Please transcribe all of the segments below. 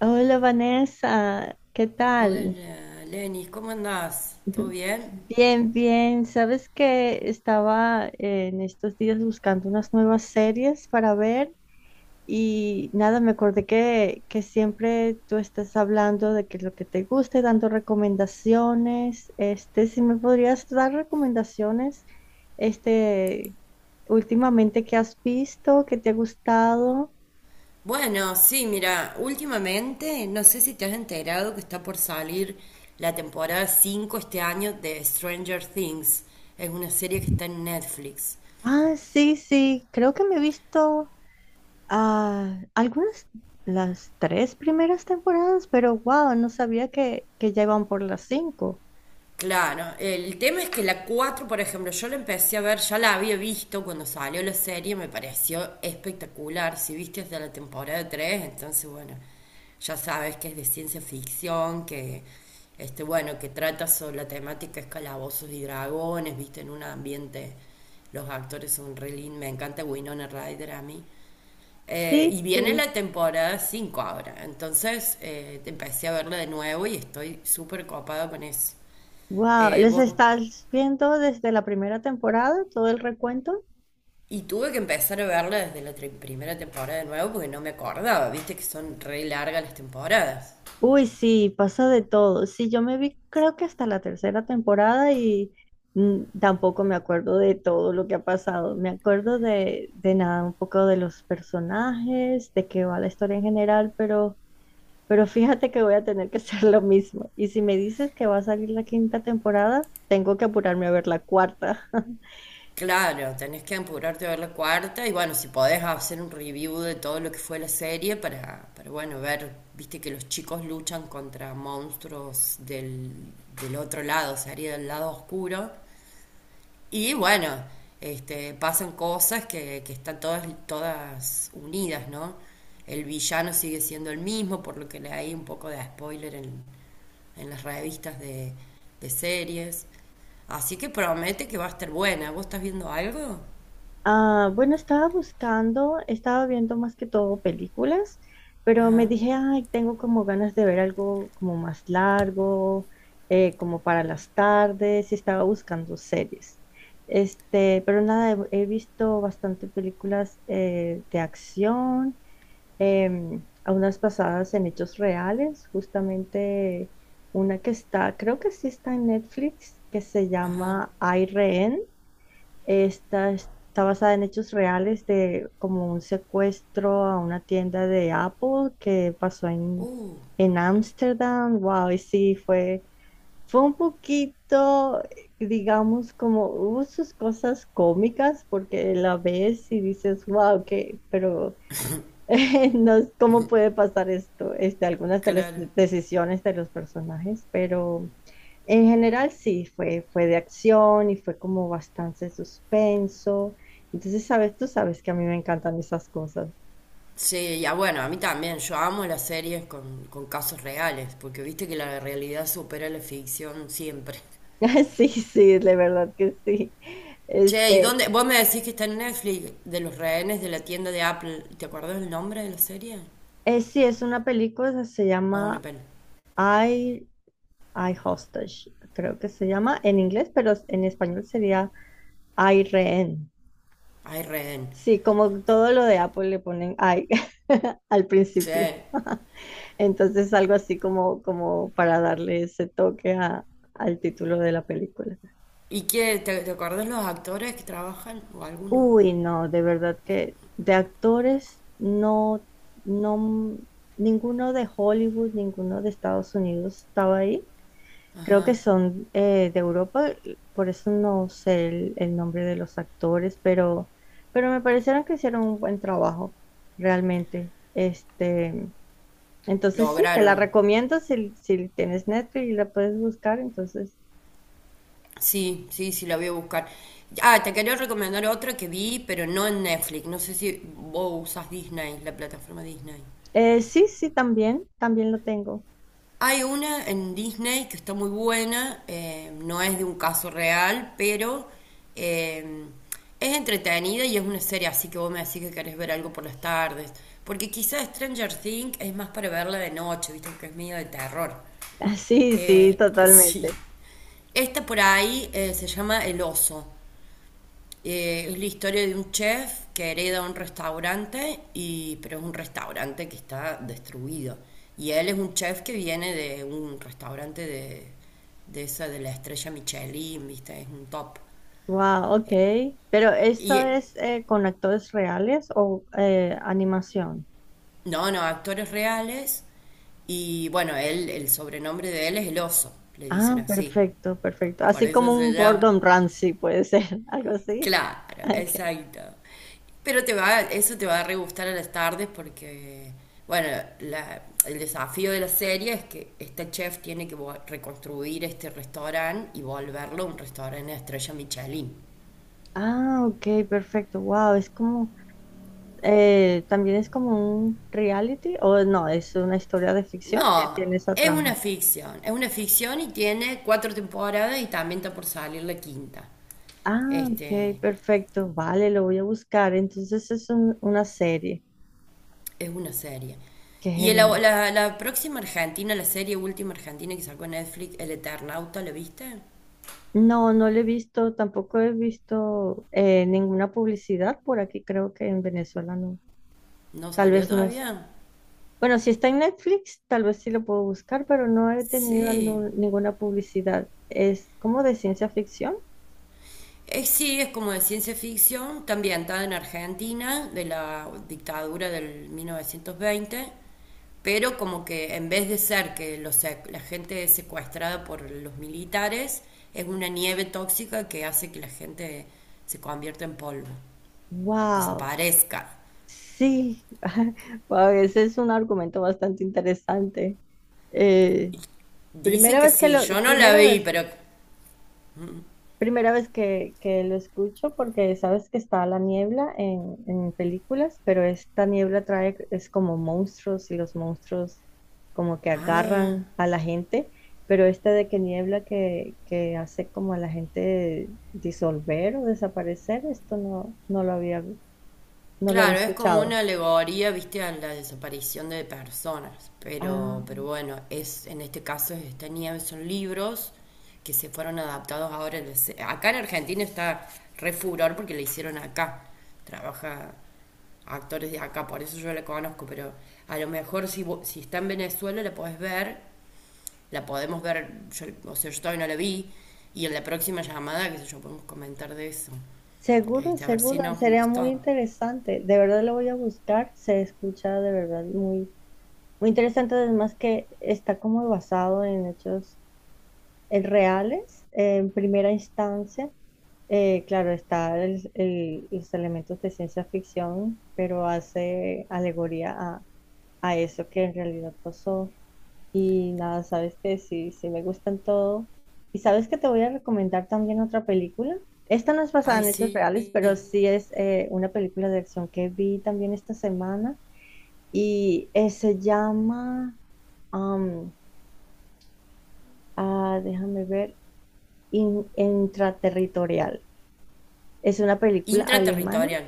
Hola Vanessa, ¿qué Hola, tal? Lenis, ¿cómo andás? ¿Todo bien? Bien, bien. Sabes que estaba en estos días buscando unas nuevas series para ver y nada, me acordé que siempre tú estás hablando de que lo que te guste, dando recomendaciones. Este, si me podrías dar recomendaciones, este, últimamente que has visto, que te ha gustado. Bueno, sí, mira, últimamente no sé si te has enterado que está por salir la temporada 5 este año de Stranger Things. Es una serie que está en Netflix. Ah, sí, sí, creo que me he visto. Ah, algunas, las tres primeras temporadas, pero wow, no sabía que ya iban por las cinco. Claro, el tema es que la 4, por ejemplo, yo la empecé a ver, ya la había visto cuando salió la serie, me pareció espectacular. Si viste hasta la temporada 3, entonces bueno, ya sabes que es de ciencia ficción, que este bueno, que trata sobre la temática es y dragones, viste, en un ambiente, los actores son re lindos, me encanta Winona Ryder a mí. Sí, Y viene sí. la temporada 5 ahora, entonces empecé a verla de nuevo y estoy súper copada con eso. Wow, ¿les Bueno, estás viendo desde la primera temporada todo el recuento? y tuve que empezar a verla desde la primera temporada de nuevo porque no me acordaba, viste que son re largas las temporadas. Uy, sí, pasa de todo. Sí, yo me vi creo que hasta la tercera temporada y mm, tampoco me acuerdo de todo lo que ha pasado. Me acuerdo de nada, un poco de los personajes, de qué va la historia en general, pero... Pero fíjate que voy a tener que hacer lo mismo. Y si me dices que va a salir la quinta temporada, tengo que apurarme a ver la cuarta. Claro, tenés que apurarte a ver la cuarta y bueno, si podés hacer un review de todo lo que fue la serie para, bueno, ver, viste que los chicos luchan contra monstruos del otro lado, sería del lado oscuro. Y bueno, este, pasan cosas que están todas, todas unidas, ¿no? El villano sigue siendo el mismo, por lo que le hay un poco de spoiler en, las revistas de series. Así que promete que va a estar buena. ¿Vos estás viendo algo? Ah, bueno, estaba buscando, estaba viendo más que todo películas, pero me dije, ay, tengo como ganas de ver algo como más largo, como para las tardes, y estaba buscando series. Este, pero nada, he visto bastante películas de acción. A unas basadas en hechos reales, justamente una que está, creo que sí está en Netflix, que se Ajá. llama Hay Rehén. Esta está basada en hechos reales de como un secuestro a una tienda de Apple que pasó en Uh, Ámsterdam. Wow, y sí, fue, fue un poquito, digamos, como hubo sus cosas cómicas porque la ves y dices, wow, que, pero no, ¿cómo puede pasar esto? Este, algunas de las claro. decisiones de los personajes, pero en general sí, fue, fue de acción y fue como bastante suspenso. Entonces, sabes, tú sabes que a mí me encantan esas cosas. Sí, ya bueno, a mí también. Yo amo las series con casos reales, porque viste que la realidad supera la ficción siempre. Sí, sí, de verdad que sí. Che, ¿y Este, dónde? Vos me decís que está en Netflix de los rehenes de la tienda de Apple. ¿Te acordás el nombre de la serie? Sí, es una película, se Ah, una llama pena. I, I Hostage, creo que se llama en inglés, pero en español sería I Rehén. Ay, rehén. Sí, como todo lo de Apple le ponen ay al Che, principio. Entonces algo así como, como para darle ese toque al título de la película. ¿y qué? ¿Te acordás los actores que trabajan? ¿O alguno? Uy, no, de verdad que de actores no, no, ninguno de Hollywood, ninguno de Estados Unidos estaba ahí. Creo que son de Europa, por eso no sé el nombre de los actores, pero me parecieron que hicieron un buen trabajo, realmente. Este, entonces sí, te la Lograron. recomiendo si, si tienes Netflix y la puedes buscar, entonces. Sí, sí, sí, la voy a buscar. Ah, te quería recomendar otra que vi, pero no en Netflix. No sé si vos usas Disney, la plataforma Disney. Sí, sí, también, también lo tengo. Hay una en Disney que está muy buena, no es de un caso real, pero eh, es entretenida y es una serie, así que vos me decís que querés ver algo por las tardes. Porque quizás Stranger Things es más para verla de noche, viste, que es medio de terror. Ah, sí, sí, Eh, sí. totalmente. Esta por ahí se llama El Oso. Es la historia de un chef que hereda un restaurante, y, pero es un restaurante que está destruido. Y él es un chef que viene de un restaurante de esa de la estrella Michelin, ¿viste? Es un top. Wow, ok. Pero Y ¿esto eh, es con actores reales o animación? no, no, actores reales. Y bueno, el sobrenombre de él es el oso, le dicen Ah, así. perfecto, perfecto. Por Así eso como se un llama. Gordon Ramsay puede ser, algo así. Claro, Okay. exacto. Pero te va, eso te va a re gustar a las tardes porque, bueno, el desafío de la serie es que este chef tiene que reconstruir este restaurante y volverlo un restaurante de estrella Michelin. Ah, ok, perfecto. Wow, es como, también es como un reality o no, es una historia de ficción que No, tiene esa trama. Es una ficción y tiene cuatro temporadas y también está por salir la quinta. Ah, ok, Este, perfecto. Vale, lo voy a buscar. Entonces es una serie. es una serie. Qué Y el- genial. la, la próxima Argentina, la serie última Argentina que sacó Netflix, El Eternauta, ¿la viste? No, no lo he visto, tampoco he visto ninguna publicidad por aquí, creo que en Venezuela no. ¿No Tal salió vez no es. todavía? Bueno, si está en Netflix, tal vez sí lo puedo buscar, pero no he tenido Sí. Ninguna publicidad. Es como de ciencia ficción. Es, sí, es como de ciencia ficción, está ambientada en Argentina, de la dictadura del 1920, pero como que en vez de ser que los la gente es secuestrada por los militares, es una nieve tóxica que hace que la gente se convierta en polvo, Wow, desaparezca. sí. Wow, ese es un argumento bastante interesante. Eh, Dicen que sí, yo no la primera vi, vez pero... Primera vez que lo escucho porque sabes que está la niebla en películas, pero esta niebla trae, es como monstruos y los monstruos como que Ah, agarran a la gente, pero esta de que niebla que hace como a la gente disolver o desaparecer, esto no lo había, no lo había claro, es como escuchado. una alegoría, viste, a la desaparición de personas, Ah, pero bueno, es, en este caso es esta nieve, son libros que se fueron adaptados ahora. Acá en Argentina está re furor porque le hicieron acá, trabaja actores de acá, por eso yo la conozco, pero a lo mejor si, si está en Venezuela la podés ver, la podemos ver, yo, o sea, yo todavía no la vi, y en la próxima llamada, qué sé yo, podemos comentar de eso, seguro, este, a ver seguro, si nos sería muy gustó. interesante. De verdad lo voy a buscar, se escucha de verdad muy muy interesante además que está como basado en hechos reales en primera instancia. Claro, está los elementos de ciencia ficción, pero hace alegoría a eso que en realidad pasó. Y nada, sabes que sí, sí me gustan todo. Y sabes que te voy a recomendar también otra película. Esta no es basada Ay, en hechos sí. reales, pero sí es una película de acción que vi también esta semana y se llama... Ah, déjame ver. Intraterritorial. Es una película alemana. Intraterritorial.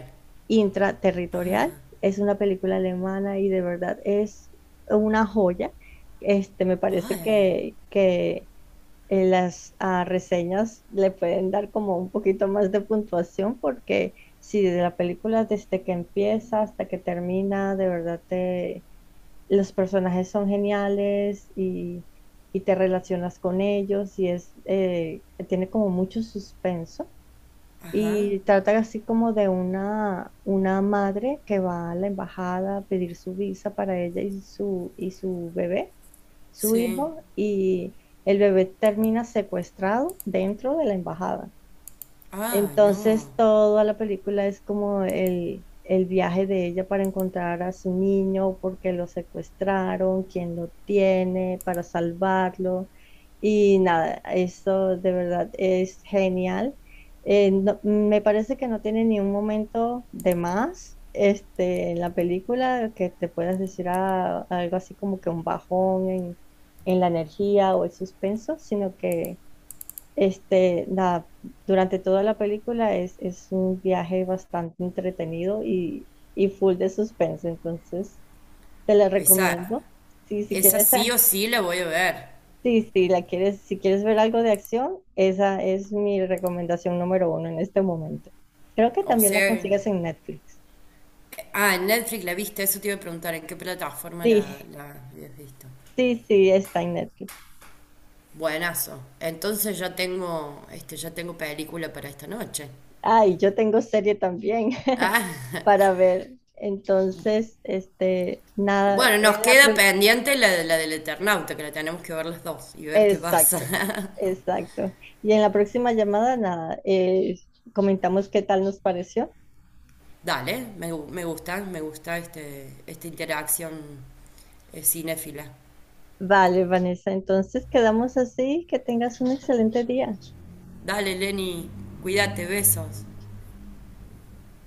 Intraterritorial. Es una película alemana y de verdad es una joya. Este, me parece Ay, que las reseñas le pueden dar como un poquito más de puntuación porque si de la película desde que empieza hasta que termina, de verdad te los personajes son geniales y te relacionas con ellos y es, tiene como mucho suspenso ajá, y trata así como de una madre que va a la embajada a pedir su visa para ella y su bebé, su sí. hijo, y el bebé termina secuestrado dentro de la embajada. Ay, no. Entonces toda la película es como el viaje de ella para encontrar a su niño, porque lo secuestraron, quién lo tiene, para salvarlo. Y nada, eso de verdad es genial. Me parece que no tiene ni un momento de más este, en la película que te puedas decir ah, algo así como que un bajón en la energía o el suspenso, sino que... Este, nada, durante toda la película es un viaje bastante entretenido y full de suspense, entonces te la Esa, recomiendo. Sí, si esa quieres, sí o sí la voy a ver. sí, sí, la quieres, si quieres ver algo de acción, esa es mi recomendación número uno en este momento. Creo que O también la sea, consigues en Netflix. ah, en Netflix la viste, eso te iba a preguntar, ¿en qué plataforma la, Sí, la habías visto? sí, sí, está en Netflix. Buenazo. Entonces ya tengo, este, ya tengo película para esta noche. Ay, yo tengo serie también Ah, para ver. Entonces, este, nada, bueno, nos en la, queda pendiente la del Eternauta, que la tenemos que ver las dos y ver qué pasa. exacto, exacto. Y en la próxima llamada, nada, comentamos qué tal nos pareció. Dale, me gusta, me gusta este, esta interacción cinéfila. Vale, Vanessa, entonces quedamos así, que tengas un excelente día. Dale, Lenny, cuídate, besos.